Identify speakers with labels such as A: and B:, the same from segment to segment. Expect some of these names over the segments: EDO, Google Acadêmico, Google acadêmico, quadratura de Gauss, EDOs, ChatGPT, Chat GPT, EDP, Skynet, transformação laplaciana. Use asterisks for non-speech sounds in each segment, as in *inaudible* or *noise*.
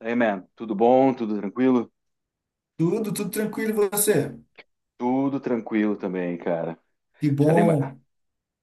A: Hey, man, tudo bom? Tudo tranquilo?
B: Tudo, tranquilo, e você?
A: Tudo tranquilo também, cara.
B: Que
A: Já dei uma...
B: bom.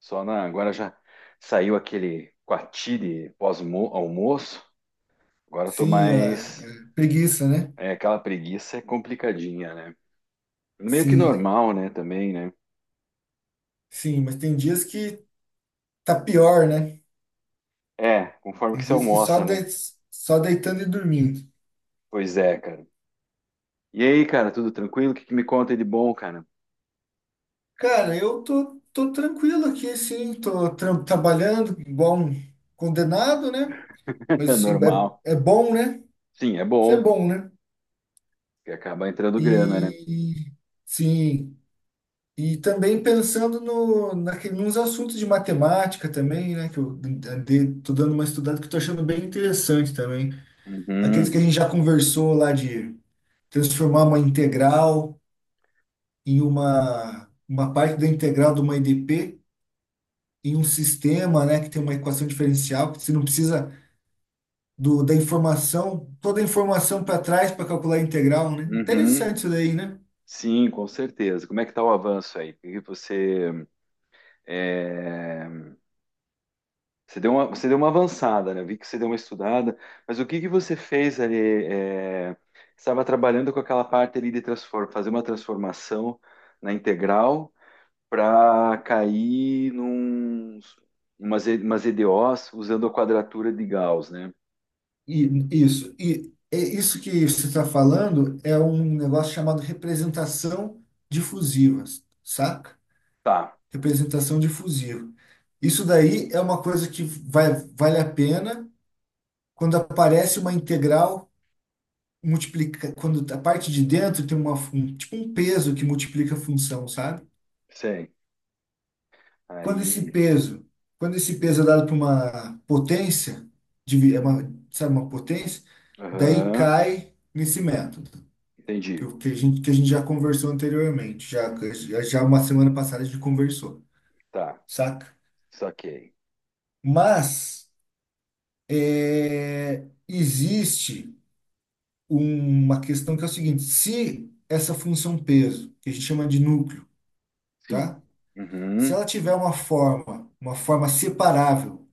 A: Só na... Agora já saiu aquele coati de pós-almoço. Agora eu tô
B: Sim, a
A: mais...
B: preguiça, né?
A: É, aquela preguiça é complicadinha, né? Meio que
B: Sim,
A: normal, né? Também, né?
B: sim, mas tem dias que tá pior, né?
A: É, conforme
B: Tem
A: que você
B: dias que
A: almoça, né?
B: só deitando e dormindo.
A: Pois é, cara. E aí, cara, tudo tranquilo? O que que me conta de bom, cara?
B: Cara, eu tô tranquilo aqui, sim, trabalhando, igual um condenado, né?
A: *laughs* É
B: Mas sim,
A: normal.
B: é bom, né?
A: Sim, é
B: Isso é
A: bom,
B: bom, né?
A: porque acaba entrando grana, né?
B: E sim. E também pensando no, naquele, nos assuntos de matemática também, né? Que eu andei, tô dando uma estudada que eu tô achando bem interessante também. Aqueles que
A: Uhum,
B: a gente já conversou lá de transformar uma integral em uma parte da integral de uma EDP em um sistema, né? Que tem uma equação diferencial, que você não precisa da informação, toda a informação para trás para calcular a integral, né?
A: uhum.
B: Interessante isso daí, né?
A: Sim, com certeza. Como é que está o avanço aí? Porque você, é, você deu uma avançada, né? Eu vi que você deu uma estudada, mas o que que você fez ali? é, Estava trabalhando com aquela parte ali de transform, fazer uma transformação na integral para cair num umas, E- umas EDOs usando a quadratura de Gauss, né?
B: E, isso. E é isso que você está falando é um negócio chamado representação difusiva, saca?
A: Tá,
B: Representação difusiva. Isso daí é uma coisa que vai, vale a pena quando aparece uma integral multiplica, quando a parte de dentro tem tipo um peso que multiplica a função, sabe?
A: sei.
B: Quando esse
A: Aí,
B: peso, quando esse peso é dado para uma potência, divi- é uma, sabe, uma potência, daí
A: aham,
B: cai nesse método.
A: entendi.
B: Que a gente já conversou anteriormente, já, uma semana passada a gente conversou,
A: Tá,
B: saca?
A: saquei.
B: Mas é, existe uma questão que é o seguinte: se essa função peso, que a gente chama de núcleo,
A: Sim.
B: tá? Se
A: Uhum.
B: ela tiver uma forma separável, o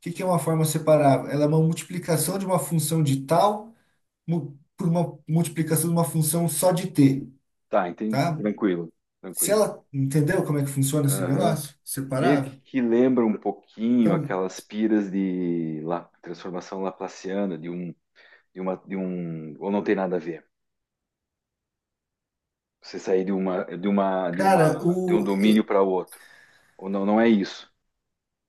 B: que que é uma forma separável? Ela é uma multiplicação de uma função de tal por uma multiplicação de uma função só de t,
A: Tá, entendi.
B: tá?
A: Tranquilo,
B: Se
A: tranquilo.
B: ela, entendeu como é que funciona esse
A: Aham.
B: negócio?
A: Meio
B: Separável?
A: que lembra um pouquinho
B: Então,
A: aquelas piras de La- transformação laplaciana de um, de uma, de um, ou não tem nada a ver. Você sair de uma, de uma, de
B: cara,
A: uma, de um
B: o,
A: domínio
B: e-
A: para outro. Ou não, não é isso.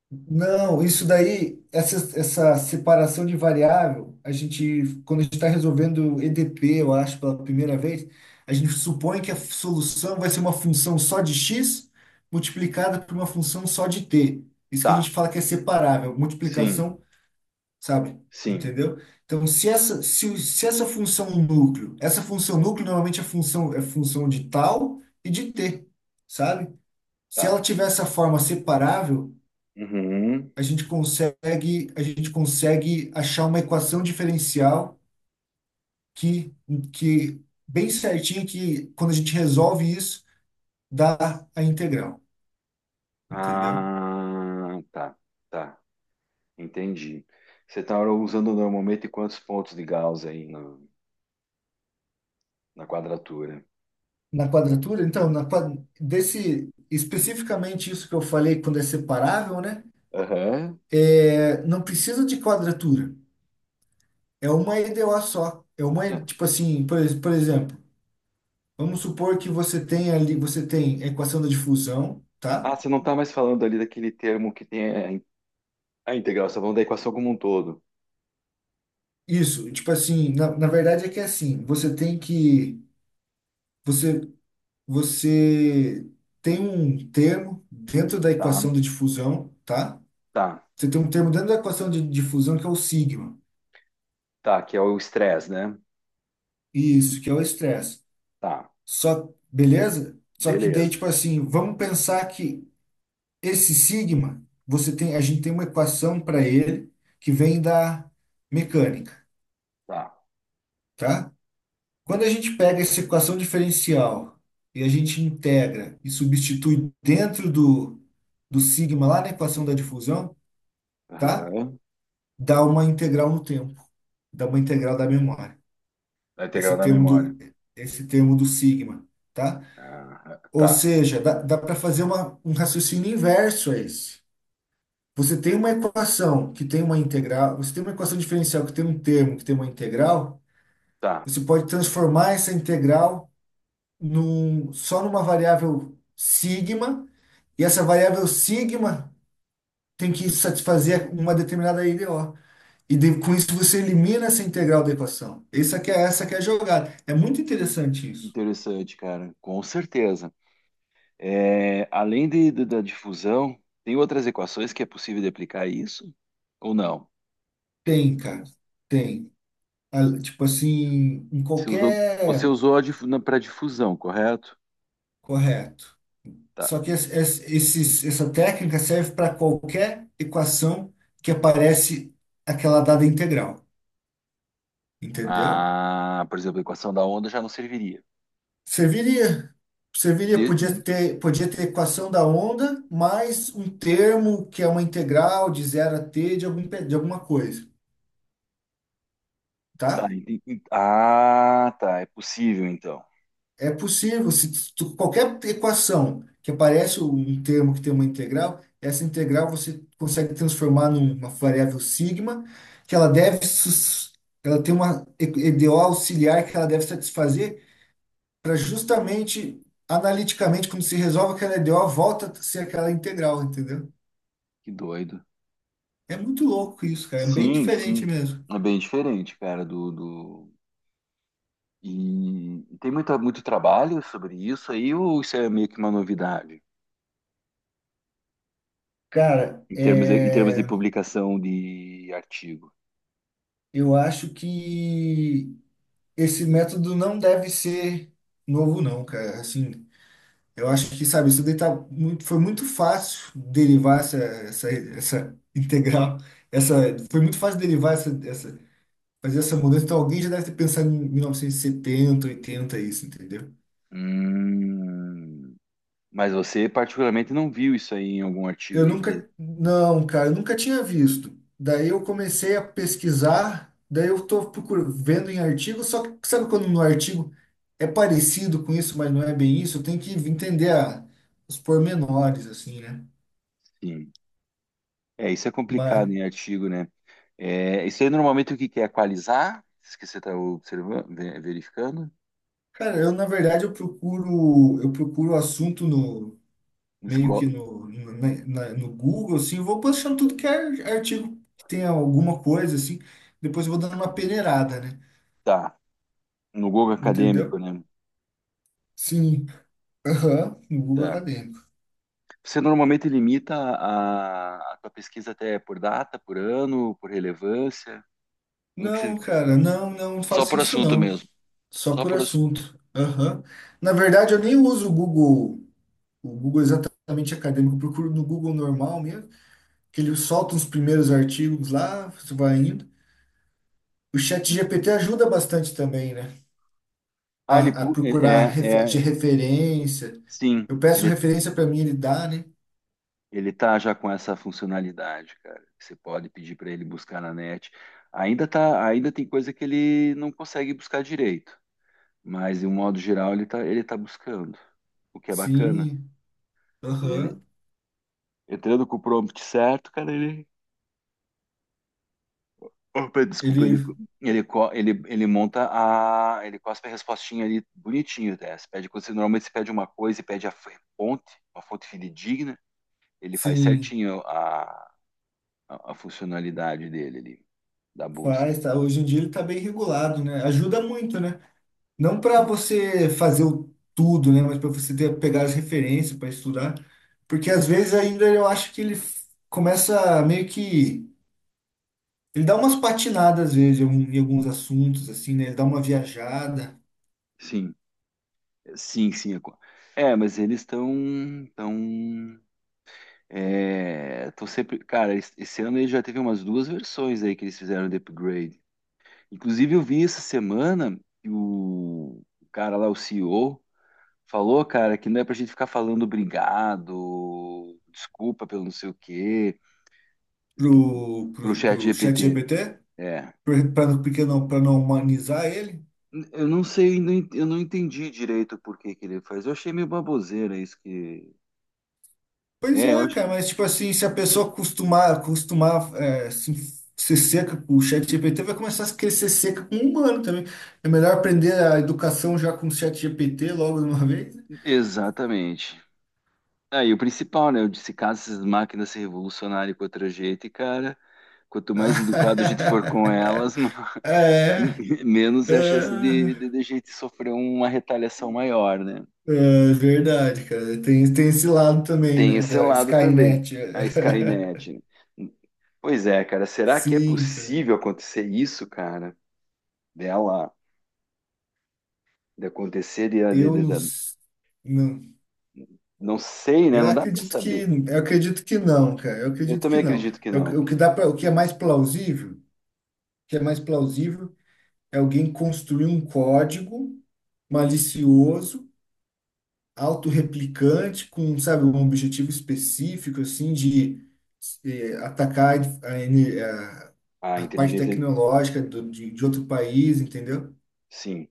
B: não, isso daí, essa separação de variável, quando a gente está resolvendo EDP, eu acho, pela primeira vez, a gente supõe que a solução vai ser uma função só de x multiplicada por uma função só de t. Isso que a gente
A: Tá.
B: fala que é separável,
A: Sim,
B: multiplicação, sabe?
A: sim,
B: Entendeu? Então, se essa função núcleo, essa função núcleo normalmente é função de tal e de t, sabe? Se
A: tá.
B: ela tiver essa forma separável,
A: Uhum.
B: a gente consegue achar uma equação diferencial que, que bem certinha que quando a gente resolve isso, dá a integral, entendeu?
A: Ah, tá, tá. Entendi. Você está usando normalmente quantos pontos de Gauss aí na, na quadratura?
B: Na quadratura, então, desse especificamente isso que eu falei quando é separável, né?
A: Aham.
B: É, não precisa de quadratura. É uma EDO só. É uma, tipo assim, por exemplo, vamos supor que você tem ali, você tem a equação da difusão,
A: Ah,
B: tá?
A: você não está mais falando ali daquele termo que tem a in- a integral, você está falando da equação como um todo.
B: Isso, tipo assim, na verdade é que é assim, você tem que, você, você tem um termo dentro da
A: Tá,
B: equação de difusão, tá?
A: tá,
B: Você tem um termo dentro da equação de difusão que é o sigma,
A: tá, que é o estresse, né?
B: isso, que é o estresse.
A: Tá,
B: Só, beleza? Só que daí,
A: beleza,
B: tipo assim, vamos pensar que esse sigma, você tem, a gente tem uma equação para ele que vem da mecânica,
A: tá.
B: tá? Quando a gente pega essa equação diferencial e a gente integra e substitui dentro do sigma lá na equação da difusão, tá?
A: Aham.
B: Dá uma integral no tempo, dá uma integral da memória.
A: A integral
B: Esse
A: da
B: termo
A: memória.
B: do, esse termo do sigma, tá?
A: Aham,
B: Ou
A: tá,
B: seja, dá para fazer um raciocínio inverso a esse. Você tem uma equação que tem uma integral, você tem uma equação diferencial que tem um termo que tem uma integral,
A: tá.
B: você pode transformar essa integral só numa variável sigma, e essa variável sigma tem que satisfazer uma determinada IDO. Com isso você elimina essa integral da equação. Essa que é a jogada. É muito interessante isso.
A: Interessante, cara, com certeza. É, além de- da difusão, tem outras equações que é possível de aplicar isso? Ou não?
B: Tem, cara. Tem. Ah, tipo assim, em
A: Você
B: qualquer.
A: usou para difusão, correto?
B: Correto.
A: Tá.
B: Só que essa técnica serve para qualquer equação que aparece aquela dada integral. Entendeu?
A: Ah, por exemplo, a equação da onda já não serviria.
B: Serviria. Serviria, podia ter equação da onda mais um termo que é uma integral de zero a t de alguma coisa,
A: Tá,
B: tá?
A: enten- en- ah, tá, é possível então.
B: É possível, se qualquer equação que aparece um termo que tem uma integral, essa integral você consegue transformar numa variável sigma, que ela tem uma EDO auxiliar que ela deve satisfazer para justamente, analiticamente, quando se resolve aquela EDO, volta a ser aquela integral, entendeu?
A: Que doido.
B: É muito louco isso, cara. É bem
A: Sim,
B: diferente
A: sim.
B: mesmo.
A: É bem diferente, cara, do, do... E tem muito, muito trabalho sobre isso aí, ou isso é meio que uma novidade
B: Cara,
A: em termos de
B: é,
A: publicação de artigo?
B: eu acho que esse método não deve ser novo, não, cara. Assim, eu acho que, sabe, isso daí tá muito, foi muito fácil derivar essa integral. Essa, foi muito fácil derivar fazer essa mudança. Então, alguém já deve ter pensado em 1970, 80, isso, entendeu?
A: Hum, mas você particularmente não viu isso aí em algum artigo
B: Eu
A: aí que diz-
B: nunca, não, cara, eu nunca tinha visto. Daí eu comecei a pesquisar, daí eu tô procurando, vendo em artigo, só que sabe quando no artigo é parecido com isso, mas não é bem isso, eu tenho que entender os pormenores, assim, né?
A: sim. É, isso é complicado
B: Mas,
A: em artigo, né? É, isso aí normalmente o que que é equalizar? Isso que você está observando, ve- verificando?
B: cara, eu na verdade eu procuro assunto no
A: No
B: meio que
A: esco-
B: no Google, assim, eu vou postando tudo que é artigo que tem alguma coisa, assim, depois eu vou dando uma peneirada, né?
A: Tá. No Google acadêmico,
B: Entendeu?
A: né?
B: Sim. Aham, no Google
A: Tá.
B: Acadêmico.
A: Você normalmente limita a tua pesquisa até por data, por ano, por relevância? Como é que você-
B: Não, cara, não, não
A: Só
B: faço
A: por
B: isso
A: assunto
B: não.
A: mesmo.
B: Só
A: Só
B: por
A: por assunto.
B: assunto. Aham. Na verdade, eu nem uso o Google exatamente acadêmico. Eu procuro no Google normal mesmo, que ele solta os primeiros artigos lá, você vai indo. O chat GPT ajuda bastante também, né?
A: Ah, ele,
B: A
A: pu- ele-
B: procurar de referência.
A: sim,
B: Eu peço referência para mim, ele dá, né?
A: ele tá já com essa funcionalidade, cara. Que você pode pedir para ele buscar na net. Ainda tá, ainda tem coisa que ele não consegue buscar direito, mas de um modo geral ele tá buscando, o que é bacana.
B: Sim,
A: Ele,
B: aham.
A: entrando com o prompt certo, cara, ele Opa, desculpa, ele,
B: Ele,
A: ele, co- ele monta a. Ele cospe a respostinha ali bonitinho, né? Você pede, quando você normalmente você pede uma coisa e pede a f- fonte, uma fonte fidedigna, ele faz
B: sim,
A: certinho a funcionalidade dele ali, da busca.
B: faz, tá? Hoje em dia ele tá bem regulado, né? Ajuda muito, né? Não para
A: Sim,
B: você fazer o tudo, né? Mas para você ter, pegar as referências para estudar. Porque às vezes ainda eu acho que ele começa a meio que. Ele dá umas patinadas às vezes em em alguns assuntos, assim, né? Ele dá uma viajada
A: sim, sim, sim. é co- é, mas eles estão. Tão, tão sempre. Cara, es- esse ano ele já teve umas duas versões aí que eles fizeram de upgrade. Inclusive, eu vi essa semana que o cara lá, o CEO. Falou, cara, que não é pra gente ficar falando obrigado, desculpa pelo não sei o quê, pro
B: pro
A: chat
B: chat
A: GPT.
B: GPT,
A: É.
B: porque não, para não humanizar ele.
A: Eu não sei, não en- eu não entendi direito por que que ele faz. Eu achei meio baboseira isso que.
B: Pois
A: É, eu
B: é,
A: acho...
B: cara, mas tipo assim, se a pessoa acostumar assim, ser seca com o chat GPT, vai começar a querer ser seca com o humano também. É melhor aprender a educação já com o chat GPT logo de uma vez, né?
A: Exatamente. Aí, o principal, né? Eu disse, caso essas máquinas se revolucionarem contra a gente, cara, quanto mais educado a gente for com
B: *laughs*
A: elas, *laughs*
B: É,
A: menos
B: é,
A: é a chance de a gente sofrer uma retaliação maior, né?
B: é verdade, cara. Tem esse lado também,
A: Tem
B: né?
A: esse
B: Da
A: lado também,
B: Skynet.
A: a Skynet. Pois é, cara,
B: *laughs*
A: será que é
B: Sim, cara.
A: possível acontecer isso, cara? Dela, de acontecer,
B: Eu
A: de-
B: não,
A: da-
B: s- não.
A: não sei, né?
B: Eu
A: Não dá para
B: acredito que,
A: saber.
B: eu acredito que não, cara. Eu
A: Eu
B: acredito
A: também
B: que não.
A: acredito que
B: É o,
A: não,
B: que o
A: que
B: que dá para, o que é mais plausível. Que é mais plausível é alguém construir um código malicioso, autorreplicante, com, sabe, um objetivo específico, assim, de atacar a, ene- a-
A: a
B: a parte
A: inteligência,
B: tecnológica de outro país, entendeu?
A: sim.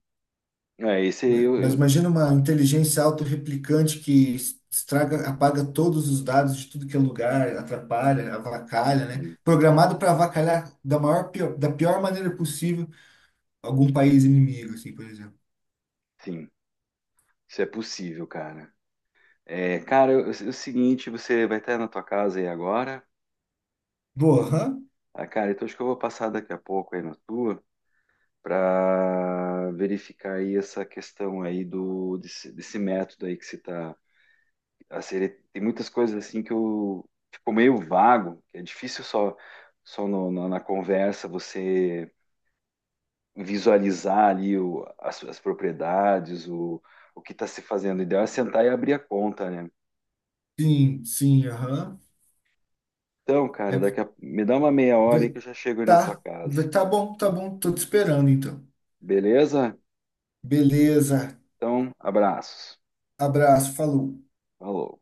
A: É, esse aí
B: Mas
A: eu-
B: imagina uma inteligência autorreplicante que estraga, apaga todos os dados de tudo que é lugar, atrapalha, avacalha, né?
A: sim,
B: Programado para avacalhar da pior maneira possível algum país inimigo, assim, por exemplo.
A: sim, isso é possível, cara. É, cara, eu- é o seguinte, você vai estar na tua casa aí agora?
B: Boa, aham.
A: Ah, cara, então acho que eu vou passar daqui a pouco aí na tua. Para verificar aí essa questão aí do desse, desse método aí que você está a ser. Tem muitas coisas assim que eu ficou meio vago que é difícil só só no, no- na conversa você visualizar ali o, as propriedades o que está se fazendo o ideal é sentar e abrir a conta né
B: Sim, aham.
A: então
B: É,
A: cara daqui a, me dá uma meia hora aí
B: vai-
A: que eu já chego aí na tua casa
B: tá bom, tá bom. Tô te esperando, então.
A: beleza
B: Beleza.
A: então abraços
B: Abraço, falou.
A: falou